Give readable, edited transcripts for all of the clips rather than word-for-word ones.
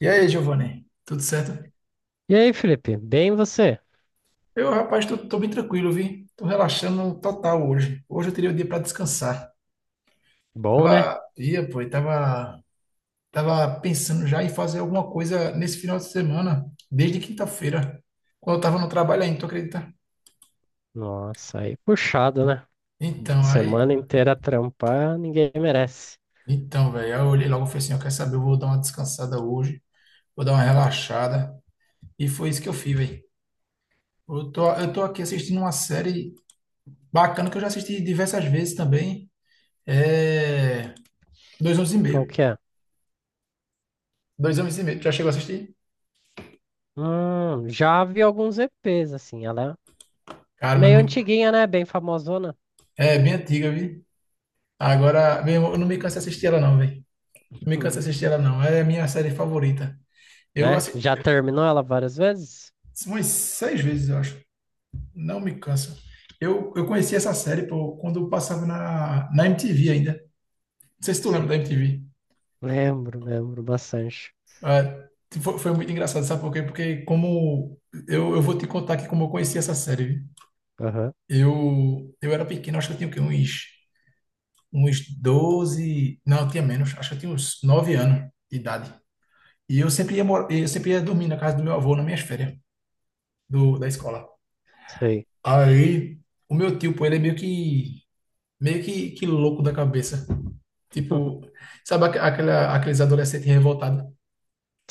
E aí, Giovanni? Tudo certo? E aí, Felipe? Bem você? Eu, rapaz, tô bem tranquilo, vi. Tô relaxando total hoje. Hoje eu teria o dia para descansar. Bom, né? Tava, ia, pô, e tava, tava pensando já em fazer alguma coisa nesse final de semana, desde quinta-feira, quando eu tava no trabalho ainda, tu acredita? Nossa, aí puxado, né? Então, Semana aí, inteira trampar, ninguém merece. então, velho, aí eu olhei logo e falei assim, eu quero saber, eu vou dar uma descansada hoje, vou dar uma relaxada. E foi isso que eu fiz, velho. Eu tô aqui assistindo uma série bacana que eu já assisti diversas vezes também. É... Dois anos e Qual Meio. que é? Dois anos e Meio. Tu já chegou a assistir? Já vi alguns EPs, assim. Ela é Cara, mas meio muito. antiguinha, né? Bem famosona. É bem antiga, vi. Agora, meu irmão, eu não me canso de assistir ela, não, velho. Não me canso Uhum. de assistir ela, não. É a minha série favorita. Eu Né? assisti Já terminou ela várias vezes? umas seis vezes, eu acho. Não me canso. Eu conheci essa série, pô, quando eu passava na MTV ainda. Não sei se tu lembra Sim. da MTV. Lembro, lembro bastante. É, foi muito engraçado, sabe por quê? Porque como. Eu vou te contar aqui como eu conheci essa série. Aham, Viu? Eu era pequeno, acho que eu tinha o quê? Uns 12 não, eu tinha menos, acho que eu tinha uns 9 anos de idade. Eu sempre ia dormir na casa do meu avô nas minhas férias da escola. sei. Aí, o meu tio, pô, ele é meio que louco da cabeça. Tipo, sabe aqueles adolescentes revoltados?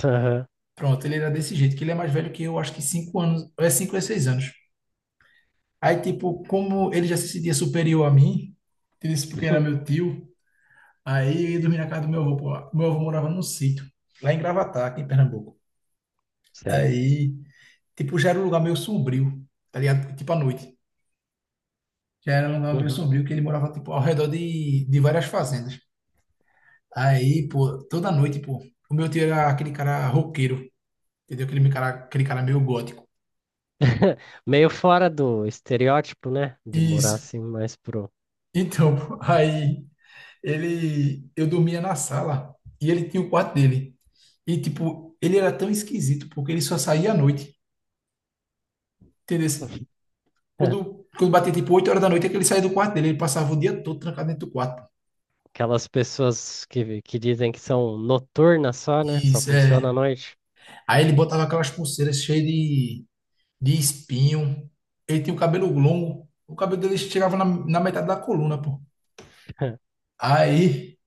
Aham, Pronto, ele era desse jeito, que ele é mais velho que eu, acho que 5 anos, ou é 5 ou é 6 anos. Aí, tipo, como ele já se sentia superior a mim, ele disse porque era meu tio. Aí eu ia dormir na casa do meu avô, pô, lá. Meu avô morava num sítio, lá em Gravatá, aqui em Pernambuco. sei. Aí, tipo, já era um lugar meio sombrio, tá ligado? Tipo, à noite. Já era um lugar meio Uhum. sombrio, que ele morava, tipo, ao redor de várias fazendas. Aí, pô, toda noite, pô, o meu tio era aquele cara roqueiro, entendeu? Aquele cara meio gótico. Meio fora do estereótipo, né? De morar Isso. assim mais pro. Então, pô, aí, eu dormia na sala e ele tinha o quarto dele. E, tipo, ele era tão esquisito, porque ele só saía à noite, entendeu? Quando batia tipo 8 horas da noite, é que ele saía do quarto dele. Ele passava o dia todo trancado dentro do quarto. Aquelas pessoas que dizem que são noturnas só, né? Só Isso, funciona à é. noite. Aí ele botava aquelas pulseiras cheias de espinho. Ele tinha o cabelo longo. O cabelo dele chegava na metade da coluna, pô. Aí,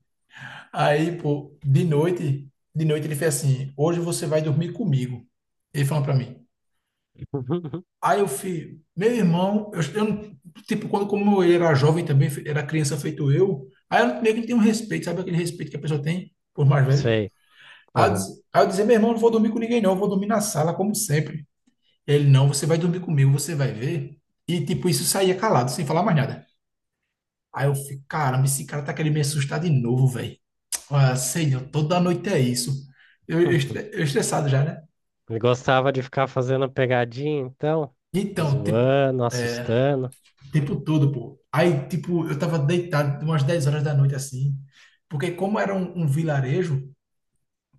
aí, pô, de noite ele fez assim: Hoje você vai dormir comigo. Ele falou pra mim. Aí eu fui, meu irmão, eu não- tipo, quando como eu era jovem também, era criança feito eu, aí eu meio que não tenho um respeito, sabe aquele respeito que a pessoa tem por mais velho? Sei. Aí eu, Aham. disse- aí eu dizia, meu irmão, não vou dormir com ninguém, não, eu vou dormir na sala, como sempre. Ele, não, você vai dormir comigo, você vai ver. E, tipo, isso saía calado, sem falar mais nada. Aí eu fico, caramba, esse cara tá querendo me assustar de novo, velho. Ah, Senhor, toda noite é isso. Eu, eu, estre- eu estressado já, né? Ele gostava de ficar fazendo pegadinha, então, Então, tipo, zoando, é, assustando. tempo todo, pô. Aí, tipo, eu tava deitado umas 10 horas da noite, assim. Porque como era um vilarejo,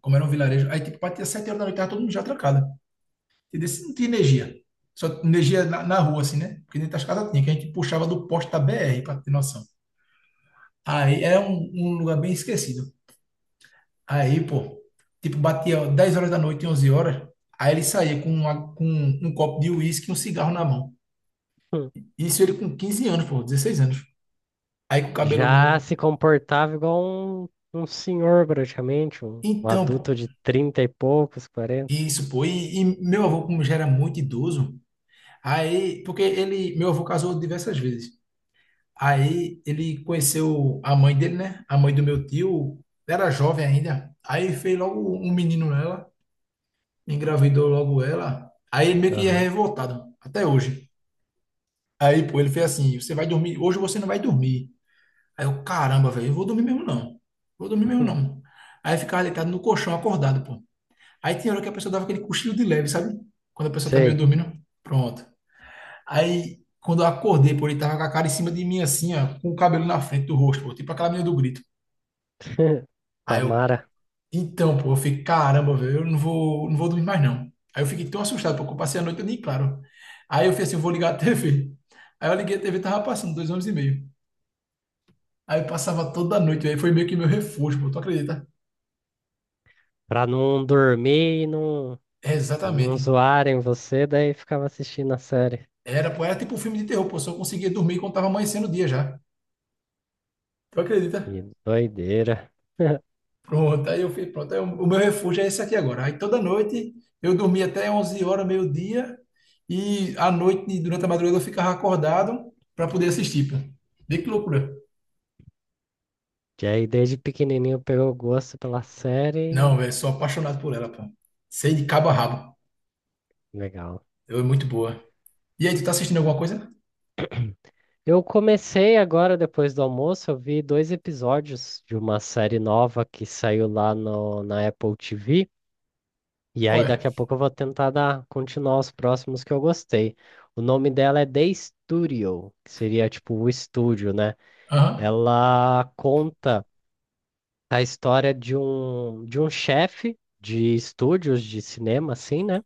como era um vilarejo, aí, tipo, batia 7 horas da noite, tava todo mundo já trancado. Entendeu? Se não tinha energia. Só tinha energia na rua, assim, né? Porque dentro das casas tinha, que a gente puxava do poste da BR, pra ter noção. Aí era um lugar bem esquecido. Aí, pô, tipo, batia 10 horas da noite, 11 horas. Aí ele saía com um copo de uísque e um cigarro na mão. Hum. Isso ele com 15 anos, pô, 16 anos. Aí com o cabelo Já longo. se comportava igual um, um senhor, praticamente, um Então, adulto pô, de 30 e poucos, quarenta. isso, pô. E meu avô, como já era muito idoso, aí, porque ele, meu avô casou diversas vezes. Aí ele conheceu a mãe dele, né? A mãe do meu tio era jovem ainda. Aí fez logo um menino nela, engravidou logo ela. Aí ele meio que é Aham. revoltado, até hoje. Aí, pô, ele fez assim: você vai dormir, hoje você não vai dormir. Aí eu, caramba, velho, eu vou dormir mesmo não. Vou dormir mesmo Hum. não. Aí ficava deitado no colchão, acordado, pô. Aí tinha hora que a pessoa dava aquele cochilo de leve, sabe? Quando a pessoa tá meio Sei. dormindo. Pronto. Aí, quando eu acordei, pô, ele tava com a cara em cima de mim, assim, ó, com o cabelo na frente do rosto, pô, tipo aquela menina do grito. Aí eu, Tamara. então, pô, eu fiquei, caramba, velho, eu não vou dormir mais não. Aí eu fiquei tão assustado, porque eu passei a noite nem claro. Aí eu fiz assim, eu vou ligar a TV. Aí eu liguei a TV, e tava passando dois anos e meio. Aí eu passava toda noite, aí foi meio que meu refúgio, pô, tu acredita? Pra não dormir e não, É, não exatamente. zoarem você, daí ficava assistindo a série. Era, pô, era tipo um filme de terror, pô, só conseguia dormir quando tava amanhecendo o dia já. Tu Que acredita? doideira. Pronto, aí eu fui, pronto. Aí o meu refúgio é esse aqui agora. Aí toda noite eu dormia até 11 horas, meio-dia, e à noite, durante a madrugada, eu ficava acordado para poder assistir, pô. Vê que loucura. Que aí desde pequenininho pegou gosto pela Não, série. velho, sou apaixonado por ela, pô. Sei de cabo a rabo. Legal. Ela é muito boa. E aí, tu tá assistindo alguma coisa? Eu comecei agora, depois do almoço, eu vi dois episódios de uma série nova que saiu lá no, na Apple TV. E Qual aí daqui é? a pouco eu vou tentar dar, continuar os próximos que eu gostei. O nome dela é The Studio, que seria tipo o estúdio, né? Aham. Ela conta a história de um chefe de estúdios de cinema, assim, né?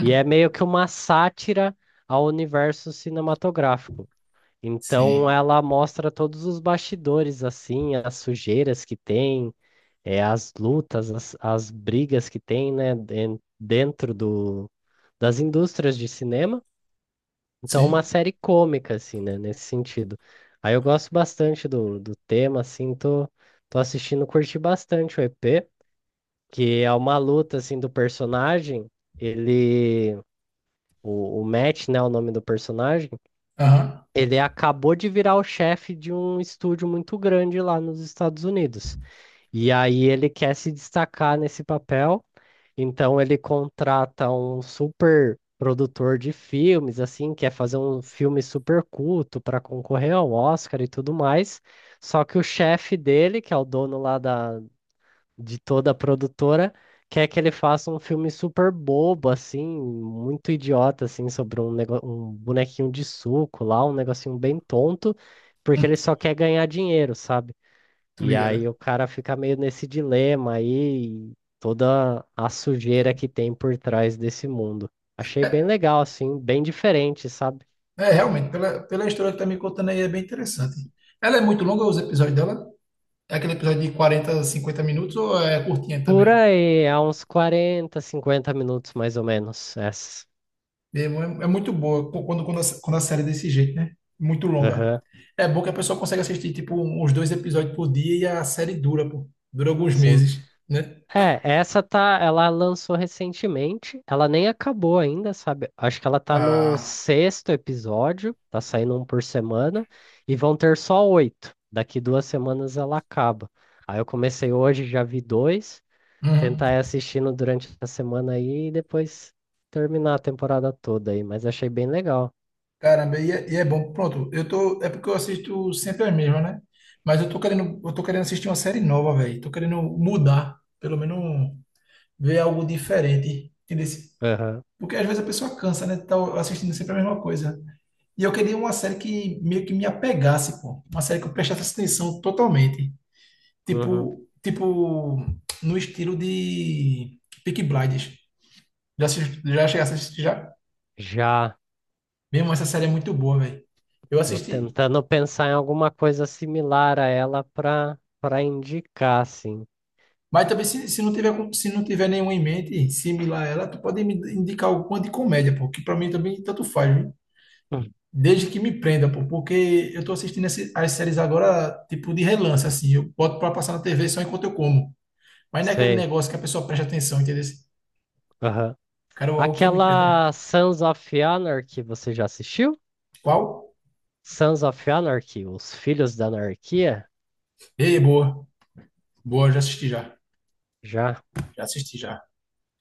E é meio que uma sátira ao universo cinematográfico. Então, Sim. ela mostra todos os bastidores, assim, as sujeiras que tem, as lutas, as brigas que tem, né, dentro do, das indústrias de cinema. Então, uma Sim. série cômica, assim, né, nesse sentido. Aí eu gosto bastante do, do tema, assim, tô assistindo, curti bastante o EP que é uma luta assim do personagem. Ele, o Matt, né, o nome do personagem, Aham. ele acabou de virar o chefe de um estúdio muito grande lá nos Estados Unidos. E aí ele quer se destacar nesse papel, então ele contrata um super produtor de filmes, assim, quer fazer um filme super culto para concorrer ao Oscar e tudo mais. Só que o chefe dele, que é o dono lá da de toda a produtora, quer que ele faça um filme super bobo, assim, muito idiota, assim, sobre um, nego... um bonequinho de suco lá, um negocinho bem tonto, porque ele Hum, só quer ganhar dinheiro, sabe? Tô E ligada. aí o cara fica meio nesse dilema aí, e toda a sujeira que tem por trás desse mundo. Achei bem É, legal, assim, bem diferente, sabe? é, realmente, pela história que tá me contando aí, é bem interessante. Ela é muito longa, os episódios dela? É aquele episódio de 40 50 minutos ou é curtinha Por também? aí, há uns 40 50 minutos mais ou menos, essa. É muito boa quando a série é desse jeito, né? Muito longa. Aham, É bom que a pessoa consegue assistir, tipo, uns dois episódios por dia e a série dura, pô. Dura alguns sim. meses, né? É, essa tá, ela lançou recentemente, ela nem acabou ainda, sabe? Acho que ela tá no Ah, sexto episódio, tá saindo um por semana, e vão ter só oito. Daqui duas semanas ela acaba. Aí eu comecei hoje, já vi dois, uhum. tentar ir assistindo durante a semana aí e depois terminar a temporada toda aí, mas achei bem legal. Caramba, e é bom. Pronto, é porque eu assisto sempre as mesmas, né? Mas eu tô querendo assistir uma série nova, velho. Tô querendo mudar, pelo menos ver algo diferente. Entendeu? Aham, Porque às vezes a pessoa cansa, né? Tá assistindo sempre a mesma coisa. E eu queria uma série que meio que me apegasse, pô. Uma série que eu prestasse atenção totalmente. uhum. Tipo no estilo de Peaky Blinders. Já cheguei a assistir já? Já Mesmo essa série é muito boa, velho. Eu tô assisti. tentando pensar em alguma coisa similar a ela pra indicar, assim. Mas também se não tiver nenhuma em mente similar a ela, tu pode me indicar alguma de comédia, pô. Que pra mim também tanto faz, Hum. desde que me prenda, pô, porque eu tô assistindo as séries agora, tipo, de relance, assim. Eu boto pra passar na TV só enquanto eu como. Mas não é aquele Sei. negócio que a pessoa presta atenção, entendeu? Aham. Quero algo que me prenda. Aquela Sons of Anarchy, você já assistiu? Qual? Sons of Anarchy, Os Filhos da Anarquia? Ei, boa. Boa, já assisti já. Já. Já assisti já.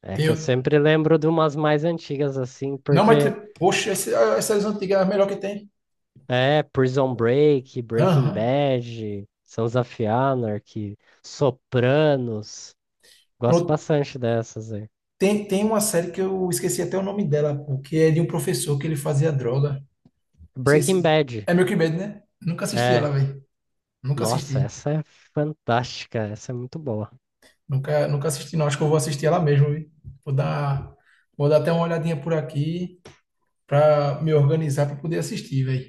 É Tem que o- eu sempre lembro de umas mais antigas assim, Não, mas, porque poxa, as séries antigas é a melhor que tem. é Prison Break, Breaking Aham. Bad, Sons of Anarchy, Sopranos. Gosto Pronto. bastante dessas aí. Tem uma série que eu esqueci até o nome dela, pô, que é de um professor que ele fazia droga. Breaking Esqueci. Bad. É Milk Bad, né? Nunca assisti ela, É. velho. Nunca Nossa, assisti. essa é fantástica, essa é muito boa. Nunca assisti, não. Acho que eu vou assistir ela mesmo, viu? Vou dar, vou dar até uma olhadinha por aqui para me organizar para poder assistir, velho.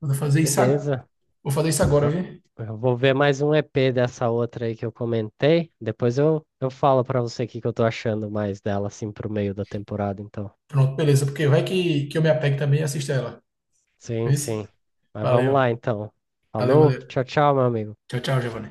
Vou fazer isso, ag- Beleza. vou fazer isso agora, Eu, viu? eu vou ver mais um EP dessa outra aí que eu comentei. Depois eu falo pra você o que que eu tô achando mais dela, assim, pro meio da temporada, então. Pronto, beleza. Porque vai que eu me apego também e assisto ela. Sim, Isso? sim. Mas vamos Valeu. lá, então. Valeu, Falou, valeu. tchau, tchau, meu amigo. Tchau, tchau, Giovanni.